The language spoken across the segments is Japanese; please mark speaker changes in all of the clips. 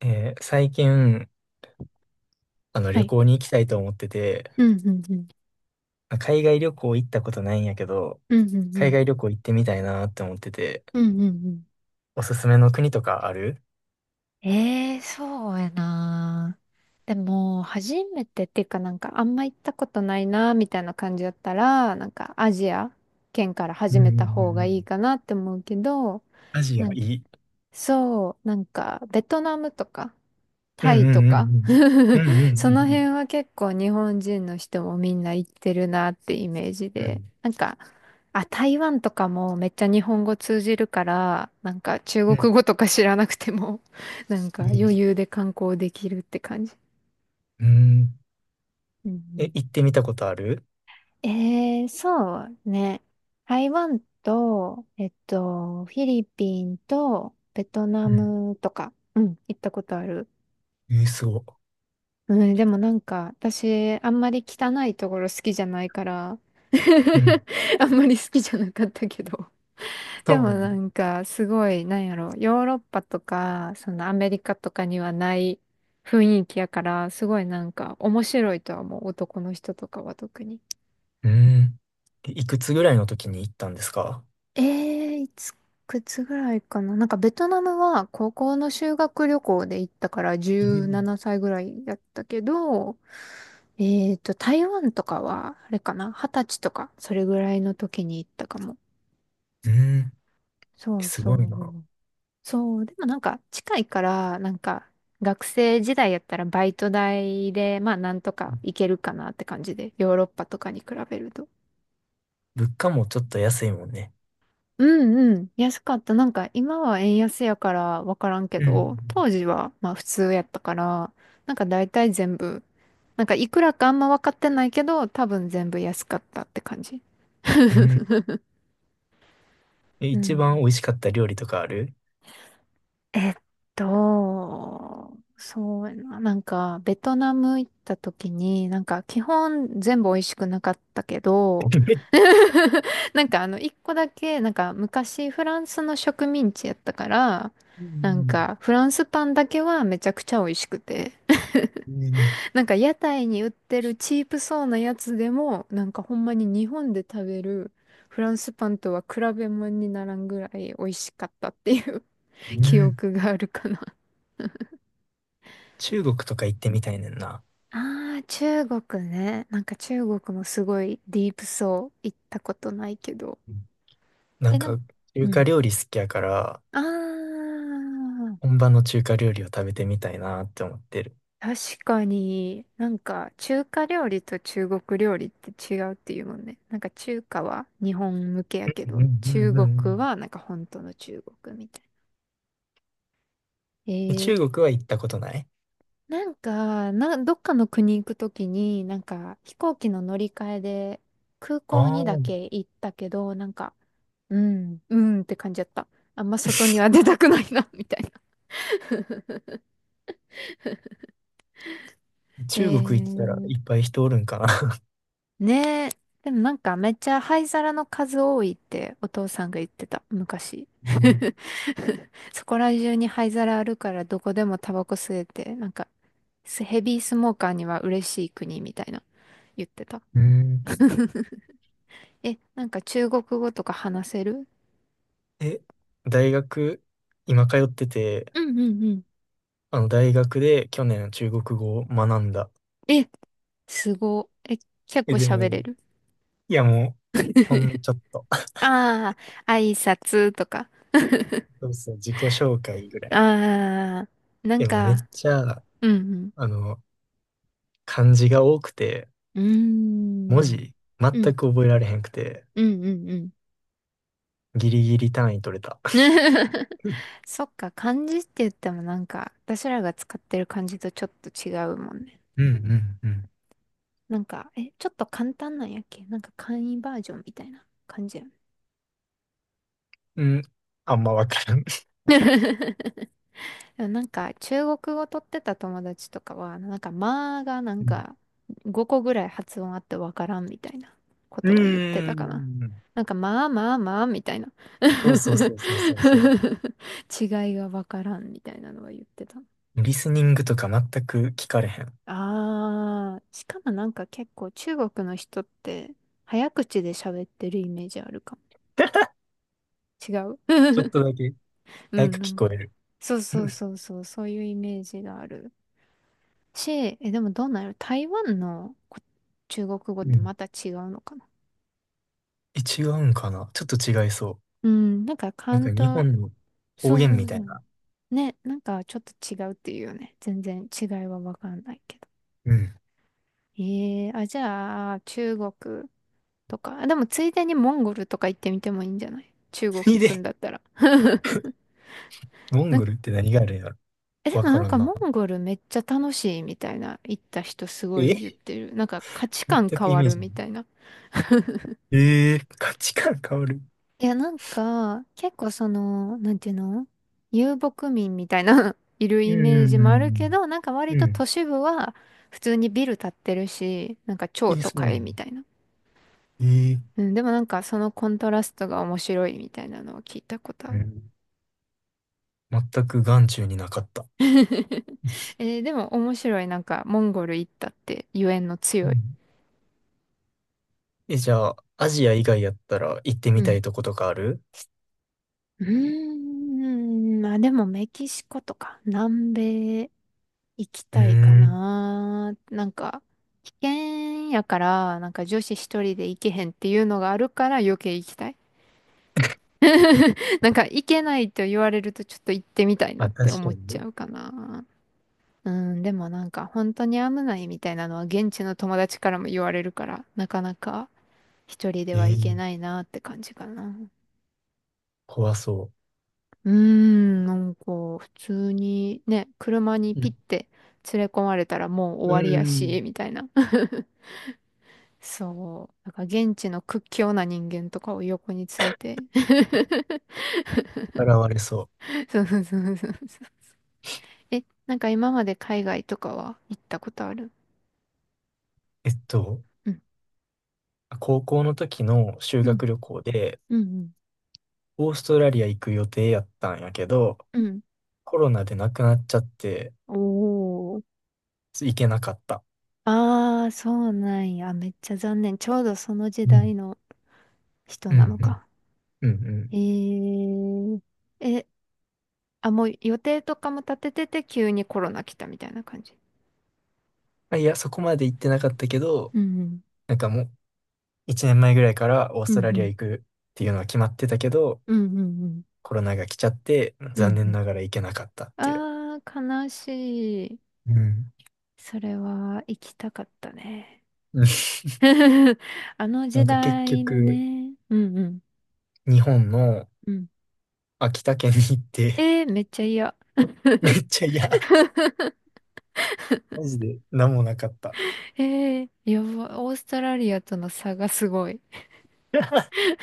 Speaker 1: 最近、
Speaker 2: は
Speaker 1: 旅
Speaker 2: い。
Speaker 1: 行に行きたいと思ってて、
Speaker 2: うん、うん、うん。
Speaker 1: 海外旅行行ったことないんやけど、
Speaker 2: うん、うん、う
Speaker 1: 海
Speaker 2: ん。
Speaker 1: 外旅行行ってみたいなって思ってて、
Speaker 2: うん、うん、うん。
Speaker 1: おすすめの国とかある？
Speaker 2: ええーそうやな。でも、初めてっていうかなんかあんま行ったことないな、みたいな感じだったら、なんかアジア圏から
Speaker 1: うん
Speaker 2: 始
Speaker 1: うん
Speaker 2: め
Speaker 1: う
Speaker 2: た方が
Speaker 1: んうん。
Speaker 2: いいかなって思うけど、
Speaker 1: アジア
Speaker 2: なん
Speaker 1: いい。
Speaker 2: そう、なんか、ベトナムとか、
Speaker 1: う
Speaker 2: タイ
Speaker 1: んう
Speaker 2: と
Speaker 1: んうん
Speaker 2: か、
Speaker 1: うん。うん
Speaker 2: その
Speaker 1: う
Speaker 2: 辺
Speaker 1: ん。
Speaker 2: は結構日本人の人もみんな行ってるなってイメージ
Speaker 1: う
Speaker 2: で、
Speaker 1: ん。
Speaker 2: なんか、あ、台湾とかもめっちゃ日本語通じるから、なんか中
Speaker 1: うん。うん。
Speaker 2: 国語とか知らなくても、なんか
Speaker 1: うんう
Speaker 2: 余
Speaker 1: ん。
Speaker 2: 裕で観光できるって感じ。
Speaker 1: うん。
Speaker 2: う
Speaker 1: え、
Speaker 2: ん
Speaker 1: 行ってみたことある？
Speaker 2: うん、そうね。台湾と、フィリピンとベトナ
Speaker 1: うん。
Speaker 2: ムとか、うん、行ったことある。
Speaker 1: えー、すご。
Speaker 2: うん、でもなんか、私、あんまり汚いところ好きじゃないから
Speaker 1: うん。
Speaker 2: あんまり好きじゃなかったけど。
Speaker 1: そ
Speaker 2: で
Speaker 1: う
Speaker 2: も
Speaker 1: なの？
Speaker 2: なんか、すごい、なんやろ、ヨーロッパとか、そのアメリカとかにはない雰囲気やから、すごいなんか、面白いとは思う、男の人とかは特に。
Speaker 1: うん。えいくつぐらいの時に行ったんですか？
Speaker 2: えー、いつ、くつぐらいかな。なんか、ベトナムは高校の修学旅行で行ったから、
Speaker 1: えー、
Speaker 2: 17歳ぐらいやったけど、台湾とかは、あれかな二十歳とか、それぐらいの時に行ったかも。
Speaker 1: うん。
Speaker 2: そ
Speaker 1: え
Speaker 2: う
Speaker 1: す
Speaker 2: そ
Speaker 1: ごいな。
Speaker 2: う。そう、でもなんか近いから、なんか学生時代やったらバイト代で、まあなんとか行けるかなって感じで、ヨーロッパとかに比べると。
Speaker 1: 物価もちょっと安いもんね。
Speaker 2: うんうん、安かった。なんか今は円安やからわからんけ
Speaker 1: うん。
Speaker 2: ど、当時はまあ普通やったから、なんか大体全部、なんかいくらかあんま分かってないけど、多分全部安かったって感じ。
Speaker 1: うん。え、
Speaker 2: う
Speaker 1: 一番
Speaker 2: ん。
Speaker 1: 美味しかった料理とかある？
Speaker 2: えっそうやな。なんか、ベトナム行った時に、なんか、基本全部美味しくなかったけど、なんか、あの、一個だけ、なんか、昔フランスの植民地やったから、
Speaker 1: う
Speaker 2: なん
Speaker 1: ん。
Speaker 2: か、フランスパンだけはめちゃくちゃ美味しくて。
Speaker 1: うん
Speaker 2: なんか、屋台に売ってるチープそうなやつでも、なんか、ほんまに日本で食べるフランスパンとは比べ物にならんぐらい美味しかったっていう
Speaker 1: う
Speaker 2: 記
Speaker 1: ん。
Speaker 2: 憶があるかな。
Speaker 1: 中国とか行ってみたいねんな。
Speaker 2: ああ、中国ね。なんか中国もすごいディープそう。行ったことないけど。
Speaker 1: うん。な
Speaker 2: え、
Speaker 1: ん
Speaker 2: なん
Speaker 1: か、
Speaker 2: か、う
Speaker 1: 中華
Speaker 2: ん。
Speaker 1: 料理好きやから、
Speaker 2: ああ、
Speaker 1: 本場の中華料理を食べてみたいなって思ってる。
Speaker 2: 確かに、なんか中華料理と中国料理って違うっていうもんね。なんか中華は日本向けやけ
Speaker 1: うんう
Speaker 2: ど、
Speaker 1: んう
Speaker 2: 中
Speaker 1: んう
Speaker 2: 国
Speaker 1: ん。
Speaker 2: はなんか本当の中国みたいな。
Speaker 1: え、中国は行ったことない？
Speaker 2: なんか、どっかの国行くときに、なんか飛行機の乗り換えで空港
Speaker 1: あ
Speaker 2: に
Speaker 1: あ
Speaker 2: だ
Speaker 1: ー。
Speaker 2: け行ったけど、なんか、うん、うんって感じだった。あんま外には出 たくないな みたいな。え
Speaker 1: 中国行ったら
Speaker 2: ー、
Speaker 1: いっぱい人おるんかな。
Speaker 2: ねえ。でもなんかめっちゃ灰皿の数多いってお父さんが言ってた、昔。
Speaker 1: うん
Speaker 2: そこら中に灰皿あるからどこでもタバコ吸えて、なんかスヘビースモーカーには嬉しい国みたいな言ってた。
Speaker 1: うん。
Speaker 2: え、なんか中国語とか話せる？
Speaker 1: え、大学、今通ってて、
Speaker 2: うんうんうん。
Speaker 1: あの大学で去年中国語を学んだ。
Speaker 2: え、すご。え、結
Speaker 1: え、
Speaker 2: 構
Speaker 1: で
Speaker 2: 喋れ
Speaker 1: も、
Speaker 2: る？
Speaker 1: いや、もう、ほんのちょっと。
Speaker 2: ああ、挨拶とか。
Speaker 1: そうですね、自己紹介ぐらい。
Speaker 2: ああ、なん
Speaker 1: でもうめ
Speaker 2: か、
Speaker 1: っちゃ、
Speaker 2: うん
Speaker 1: あの、漢字が多くて、
Speaker 2: うん。うー
Speaker 1: 文
Speaker 2: ん。
Speaker 1: 字
Speaker 2: う
Speaker 1: 全
Speaker 2: ん、
Speaker 1: く覚えられへんくて、
Speaker 2: うん、うん、うん。
Speaker 1: ギリギリ単位取れた。うん
Speaker 2: そっか、漢字って言ってもなんか、私らが使ってる漢字とちょっと違うもんね。
Speaker 1: うんうん。
Speaker 2: なんか、え、ちょっと簡単なんやっけ、なんか簡易バージョンみたいな感じやん。
Speaker 1: うん、あんまわからん。
Speaker 2: でもなんか中国語取ってた友達とかは、なんかまあが、なん
Speaker 1: うん
Speaker 2: か5個ぐらい発音あってわからんみたいなこ
Speaker 1: う
Speaker 2: とは言ってた
Speaker 1: ー
Speaker 2: かな。
Speaker 1: ん。
Speaker 2: なんかまあまあまあみたいな
Speaker 1: そうそうそうそうそうそう。
Speaker 2: 違いがわからんみたいなのは言ってた。
Speaker 1: リスニングとか全く聞かれへん。
Speaker 2: ああ、しかもなんか結構中国の人って早口で喋ってるイメージあるかも。違う。
Speaker 1: ちょっと だけ
Speaker 2: う
Speaker 1: 早
Speaker 2: ん、
Speaker 1: く
Speaker 2: な
Speaker 1: 聞
Speaker 2: ん
Speaker 1: こ
Speaker 2: か。
Speaker 1: える。
Speaker 2: そうそうそうそう、そういうイメージがある。ち、え、でもどうなる、台湾の中国語っ
Speaker 1: う
Speaker 2: て
Speaker 1: ん。
Speaker 2: また違うのかな？
Speaker 1: え、違うんかなちょっと違いそう。
Speaker 2: うん、なんか
Speaker 1: なん
Speaker 2: 関
Speaker 1: か日
Speaker 2: 東、
Speaker 1: 本の方
Speaker 2: そう
Speaker 1: 言
Speaker 2: そ
Speaker 1: み
Speaker 2: う
Speaker 1: た
Speaker 2: そ
Speaker 1: い
Speaker 2: う。
Speaker 1: な。
Speaker 2: ね、なんかちょっと違うっていうよね。全然違いはわかんないけど。
Speaker 1: うん。
Speaker 2: じゃあ、中国とか。あ、でもついでにモンゴルとか行ってみてもいいんじゃない？中 国
Speaker 1: つい
Speaker 2: 行くん
Speaker 1: で。
Speaker 2: だったら。
Speaker 1: モン
Speaker 2: なん
Speaker 1: ゴルって何があるんやろ？
Speaker 2: え、で
Speaker 1: わ
Speaker 2: もな
Speaker 1: か
Speaker 2: ん
Speaker 1: らん
Speaker 2: か
Speaker 1: な。
Speaker 2: モンゴルめっちゃ楽しいみたいな、行った人すごい
Speaker 1: え、
Speaker 2: 言ってる。なんか価値観
Speaker 1: 全
Speaker 2: 変
Speaker 1: くイ
Speaker 2: わ
Speaker 1: メー
Speaker 2: る
Speaker 1: ジない。
Speaker 2: みたいな。
Speaker 1: えー、価値観変わる。
Speaker 2: いや、なんか、結構その、なんていうの、遊牧民みたいな いる
Speaker 1: う
Speaker 2: イメージもあるけ
Speaker 1: ん。
Speaker 2: ど、なんか割
Speaker 1: う
Speaker 2: と
Speaker 1: ん。
Speaker 2: 都市部は普通にビル建ってるし、なんか超
Speaker 1: え、
Speaker 2: 都
Speaker 1: そうな
Speaker 2: 会
Speaker 1: の？
Speaker 2: みたいな。
Speaker 1: えー、
Speaker 2: うん、でもなんかそのコントラストが面白いみたいなのを聞いたことあ
Speaker 1: う
Speaker 2: る。
Speaker 1: ん。全く眼中になかった。
Speaker 2: でも面白い。なんかモンゴル行ったってゆえんの
Speaker 1: う
Speaker 2: 強い。
Speaker 1: ん。え、じゃあ、アジア以外やったら行ってみ
Speaker 2: う
Speaker 1: た
Speaker 2: ん。
Speaker 1: いとことかある？
Speaker 2: うーん、まあでもメキシコとか南米行き
Speaker 1: うー
Speaker 2: たいか
Speaker 1: ん。
Speaker 2: な。なんか、危険やから、なんか女子一人で行けへんっていうのがあるから余計行きたい。なんか行けないと言われるとちょっと行ってみたいな
Speaker 1: あ、
Speaker 2: って
Speaker 1: 確か
Speaker 2: 思っ
Speaker 1: に
Speaker 2: ちゃ
Speaker 1: ね。
Speaker 2: うかな。うん、でもなんか本当に危ないみたいなのは現地の友達からも言われるから、なかなか一人で
Speaker 1: え
Speaker 2: は行け
Speaker 1: ー、
Speaker 2: ないなって感じかな。
Speaker 1: 怖そ
Speaker 2: うーん、なんか普通にね、車に
Speaker 1: う。う
Speaker 2: ピッ
Speaker 1: ん。
Speaker 2: て連れ込まれたらもう終
Speaker 1: うー
Speaker 2: わりやし、
Speaker 1: ん。
Speaker 2: みたいな。そう。だから現地の屈強な人間とかを横に連れて。
Speaker 1: 現れそ
Speaker 2: そうそうそうそうそう。え、なんか今まで海外とかは行ったことある？
Speaker 1: う。
Speaker 2: うん。
Speaker 1: 高校の時の修
Speaker 2: う
Speaker 1: 学
Speaker 2: ん、
Speaker 1: 旅行で、
Speaker 2: うん、
Speaker 1: オーストラリア行く予定やったんやけど、
Speaker 2: うん。うん、
Speaker 1: コロナで亡くなっちゃって、
Speaker 2: おー。
Speaker 1: 行けなかった。
Speaker 2: ああ、そうなんや。めっちゃ残念。ちょうどその時
Speaker 1: う
Speaker 2: 代
Speaker 1: ん。
Speaker 2: の人
Speaker 1: う
Speaker 2: なの
Speaker 1: ん。
Speaker 2: か。
Speaker 1: うんうん。うん。
Speaker 2: えー。え、あ、もう予定とかも立ててて急にコロナ来たみたいな感じ？
Speaker 1: あいや、そこまで行ってなかったけど、
Speaker 2: うん、
Speaker 1: なんかもう、1年前ぐらいからオー
Speaker 2: う
Speaker 1: ス
Speaker 2: ん、
Speaker 1: トラ
Speaker 2: う
Speaker 1: リア
Speaker 2: ん、
Speaker 1: 行くっていうのは決まってたけど、
Speaker 2: うん、うん、うん、うん、
Speaker 1: コロナが来ちゃって、
Speaker 2: うん
Speaker 1: 残
Speaker 2: う
Speaker 1: 念
Speaker 2: ん。
Speaker 1: ながら行けなかったっていう。
Speaker 2: ああ、悲しい。
Speaker 1: うん。
Speaker 2: それは行きたかったね。
Speaker 1: うん。
Speaker 2: あの
Speaker 1: な
Speaker 2: 時
Speaker 1: んか結
Speaker 2: 代の
Speaker 1: 局、
Speaker 2: ね。うんうん。
Speaker 1: 日本の
Speaker 2: うん。
Speaker 1: 秋田県に行って、
Speaker 2: めっちゃ嫌。
Speaker 1: めっちゃ、いや、マジで何もなかった。
Speaker 2: やば、オーストラリアとの差がすごい。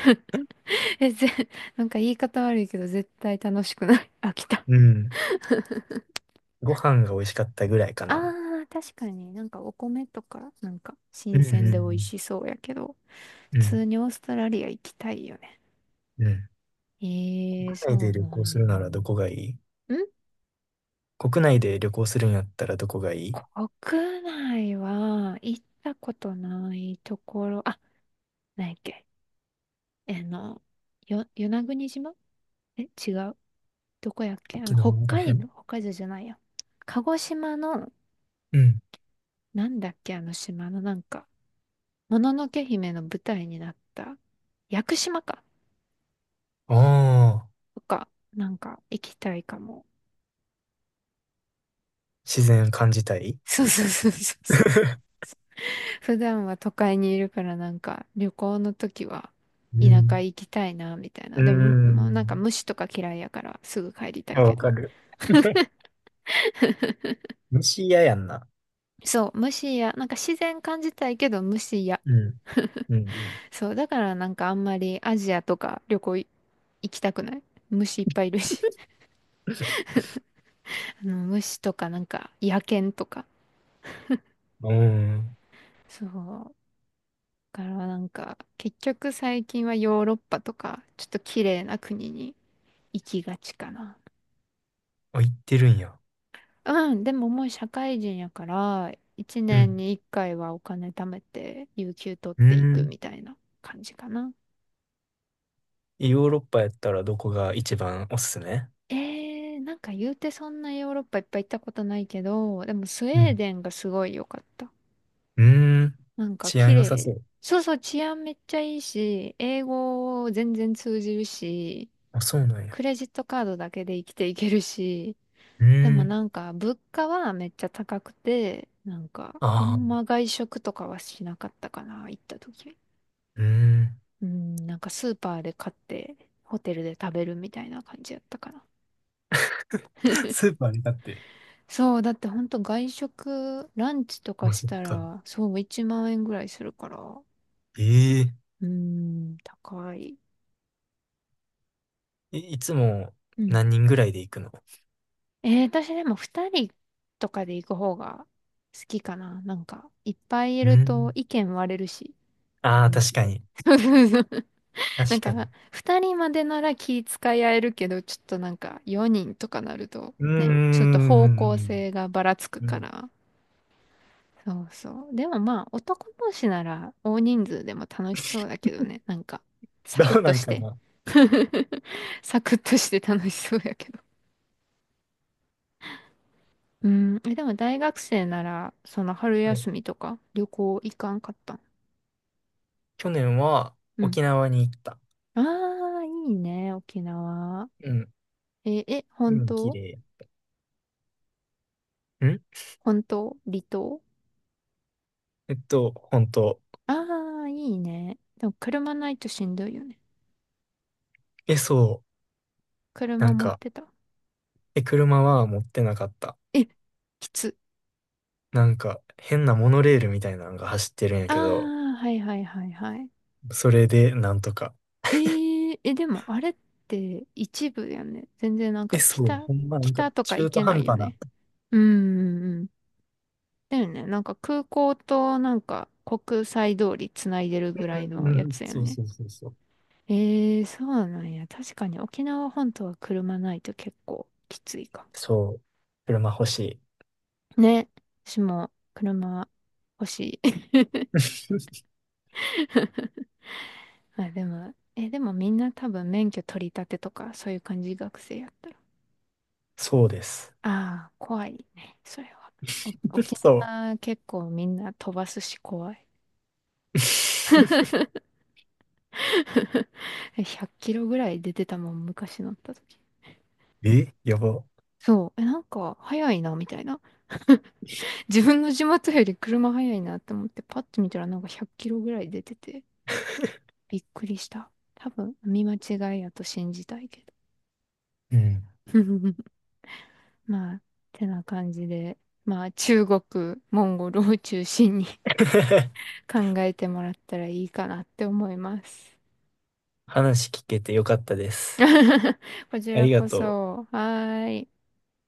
Speaker 2: え、なんか言い方悪いけど絶対楽しくない。飽きた。
Speaker 1: うん。ご飯が美味しかったぐらいか
Speaker 2: あ
Speaker 1: な。
Speaker 2: ー、確かになんかお米とか、なんか
Speaker 1: う
Speaker 2: 新鮮で美味
Speaker 1: ん。
Speaker 2: しそうやけど、普
Speaker 1: うん。うん。
Speaker 2: 通にオーストラリア行きたいよね。
Speaker 1: うん。うん。
Speaker 2: ええー、そ
Speaker 1: 国内
Speaker 2: う
Speaker 1: で旅
Speaker 2: な
Speaker 1: 行
Speaker 2: ん
Speaker 1: するな
Speaker 2: よ。
Speaker 1: らどこがいい？国内で旅行するんやったらどこがいい？
Speaker 2: 国内は行ったことないところ、あ、何やっけ、あの、与那国島。え、違う。どこやっけ、
Speaker 1: 沖
Speaker 2: 北
Speaker 1: 縄らへ
Speaker 2: 海
Speaker 1: ん？
Speaker 2: 道、北海道じゃないや。鹿児島の、
Speaker 1: うん。
Speaker 2: なんだっけあの島のなんか、もののけ姫の舞台になった、屋久島か、
Speaker 1: ああ、
Speaker 2: とか、なんか行きたいかも。
Speaker 1: 自然感じたい？
Speaker 2: そうそうそうそうそう。普段は都会にいるからなんか旅行の時は
Speaker 1: う
Speaker 2: 田舎
Speaker 1: ん。
Speaker 2: 行きたいなみたいな。
Speaker 1: うー
Speaker 2: でも、もうなんか
Speaker 1: ん。
Speaker 2: 虫とか嫌いやからすぐ帰りた
Speaker 1: い
Speaker 2: い
Speaker 1: や、
Speaker 2: け
Speaker 1: わか
Speaker 2: ど。
Speaker 1: る。虫嫌やんな。
Speaker 2: そう、虫や、なんか自然感じたいけど虫や。
Speaker 1: うん。うん。
Speaker 2: そう、だからなんかあんまりアジアとか旅行行きたくない。虫いっぱいいるし。あの虫とかなんか野犬とか。
Speaker 1: うん。うーん。
Speaker 2: そう。だからなんか結局最近はヨーロッパとかちょっと綺麗な国に行きがちかな。
Speaker 1: あ、行ってるんや。
Speaker 2: うん、でももう社会人やから、一
Speaker 1: う
Speaker 2: 年
Speaker 1: ん。
Speaker 2: に一回はお金貯めて、有給取っ
Speaker 1: うー
Speaker 2: ていく
Speaker 1: ん。
Speaker 2: みたいな感じかな。
Speaker 1: ヨーロッパやったらどこが一番おすすめ？
Speaker 2: なんか言うてそんなヨーロッパいっぱい行ったことないけど、でもスウ
Speaker 1: う
Speaker 2: ェー
Speaker 1: ん。
Speaker 2: デンがすごい良かった。
Speaker 1: うーん。
Speaker 2: なんか
Speaker 1: 治安
Speaker 2: 綺
Speaker 1: 良さそ
Speaker 2: 麗。
Speaker 1: う。
Speaker 2: そうそう、治安めっちゃいいし、英語全然通じるし、
Speaker 1: あ、そうなんや。
Speaker 2: クレジットカードだけで生きていけるし、
Speaker 1: う
Speaker 2: で
Speaker 1: ー
Speaker 2: も
Speaker 1: ん。
Speaker 2: なんか物価はめっちゃ高くて、なんかあ
Speaker 1: あ
Speaker 2: ん
Speaker 1: あ。
Speaker 2: ま外食とかはしなかったかな、行った時。
Speaker 1: うーん。
Speaker 2: うん、なんかスーパーで買ってホテルで食べるみたいな感じやったかな。
Speaker 1: スーパーに立って。
Speaker 2: そう、だってほんと外食、ランチとか
Speaker 1: まあ、
Speaker 2: し
Speaker 1: そっ
Speaker 2: た
Speaker 1: か。
Speaker 2: ら、そう、1万円ぐらいするから、う
Speaker 1: ええ
Speaker 2: ーん、高い。
Speaker 1: い、いつも
Speaker 2: うん。
Speaker 1: 何人ぐらいで行くの？
Speaker 2: 私でも2人とかで行く方が好きかな。なんか、いっぱいい
Speaker 1: う
Speaker 2: ると
Speaker 1: ん。
Speaker 2: 意見割れるし、
Speaker 1: ああー、
Speaker 2: 現
Speaker 1: 確
Speaker 2: 地
Speaker 1: か
Speaker 2: で。
Speaker 1: に。
Speaker 2: そうそうそう。な
Speaker 1: 確
Speaker 2: ん
Speaker 1: か
Speaker 2: か、
Speaker 1: に。
Speaker 2: 2人までなら気遣い合えるけど、ちょっとなんか4人とかなると、
Speaker 1: うー
Speaker 2: ね、ちょっと方向
Speaker 1: ん。
Speaker 2: 性がばらつく
Speaker 1: う
Speaker 2: か
Speaker 1: ん。
Speaker 2: ら、そうそう。でもまあ、男同士なら大人数でも楽しそうだけどね。なんか、サ
Speaker 1: ど
Speaker 2: クッ
Speaker 1: う
Speaker 2: と
Speaker 1: なん
Speaker 2: し
Speaker 1: か
Speaker 2: て。
Speaker 1: な。
Speaker 2: サクッとして楽しそうやけど。うん。え、でも大学生なら、その春
Speaker 1: はい。
Speaker 2: 休みとか旅行行かんかったん？
Speaker 1: 去年は
Speaker 2: うん。
Speaker 1: 沖縄に行った。
Speaker 2: ああ、いいね、沖縄。
Speaker 1: うん。
Speaker 2: え、
Speaker 1: う
Speaker 2: 本
Speaker 1: ん。綺
Speaker 2: 当？
Speaker 1: 麗。ん。
Speaker 2: 本当、離島？
Speaker 1: 本当。
Speaker 2: ああ、いいね。でも車ないとしんどいよね。
Speaker 1: え、そう。な
Speaker 2: 車
Speaker 1: ん
Speaker 2: 持っ
Speaker 1: か、
Speaker 2: てた？
Speaker 1: え、車は持ってなかった。
Speaker 2: え、きつ。
Speaker 1: なんか、変なモノレールみたいなのが走ってるんや
Speaker 2: あ
Speaker 1: けど、
Speaker 2: あ、はいはいはいはい。
Speaker 1: それでなんとか。
Speaker 2: え、でもあれって一部やね。全然なん
Speaker 1: え、
Speaker 2: か
Speaker 1: そう。
Speaker 2: 北、
Speaker 1: ほんま、なんか、
Speaker 2: 北とか
Speaker 1: 中
Speaker 2: 行
Speaker 1: 途
Speaker 2: けな
Speaker 1: 半
Speaker 2: いよ
Speaker 1: 端な。
Speaker 2: ね。うんうんうん。だよね。なんか空港となんか国際通りつないでるぐらい
Speaker 1: う
Speaker 2: のや
Speaker 1: ん。
Speaker 2: つやん
Speaker 1: そう
Speaker 2: ね。
Speaker 1: そうそうそう。
Speaker 2: そうなんや。確かに沖縄本島は車ないと結構きついか
Speaker 1: そう、車欲しい。
Speaker 2: も。ね。私も車欲しい。あ、でも、え、でもみんな多分免許取り立てとかそういう感じ？学生やったら。
Speaker 1: そうです。
Speaker 2: ああ、怖いね。それは。沖
Speaker 1: そう。
Speaker 2: 縄結構みんな飛ばすし怖い。100キロぐらい出てたもん、昔乗った時。
Speaker 1: えやば。
Speaker 2: そう。え、なんか、早いな、みたいな。自分の地元より車早いなって思って、パッと見たらなんか100キロぐらい出てて、びっくりした。多分、見間違いやと信じたいけど。
Speaker 1: うん。
Speaker 2: まあ、てな感じで、まあ、中国、モンゴルを中心に 考えてもらったらいいかなって思います。
Speaker 1: 話聞けてよかったです。
Speaker 2: こち
Speaker 1: あ
Speaker 2: ら
Speaker 1: りが
Speaker 2: こ
Speaker 1: とう。
Speaker 2: そ。はーい。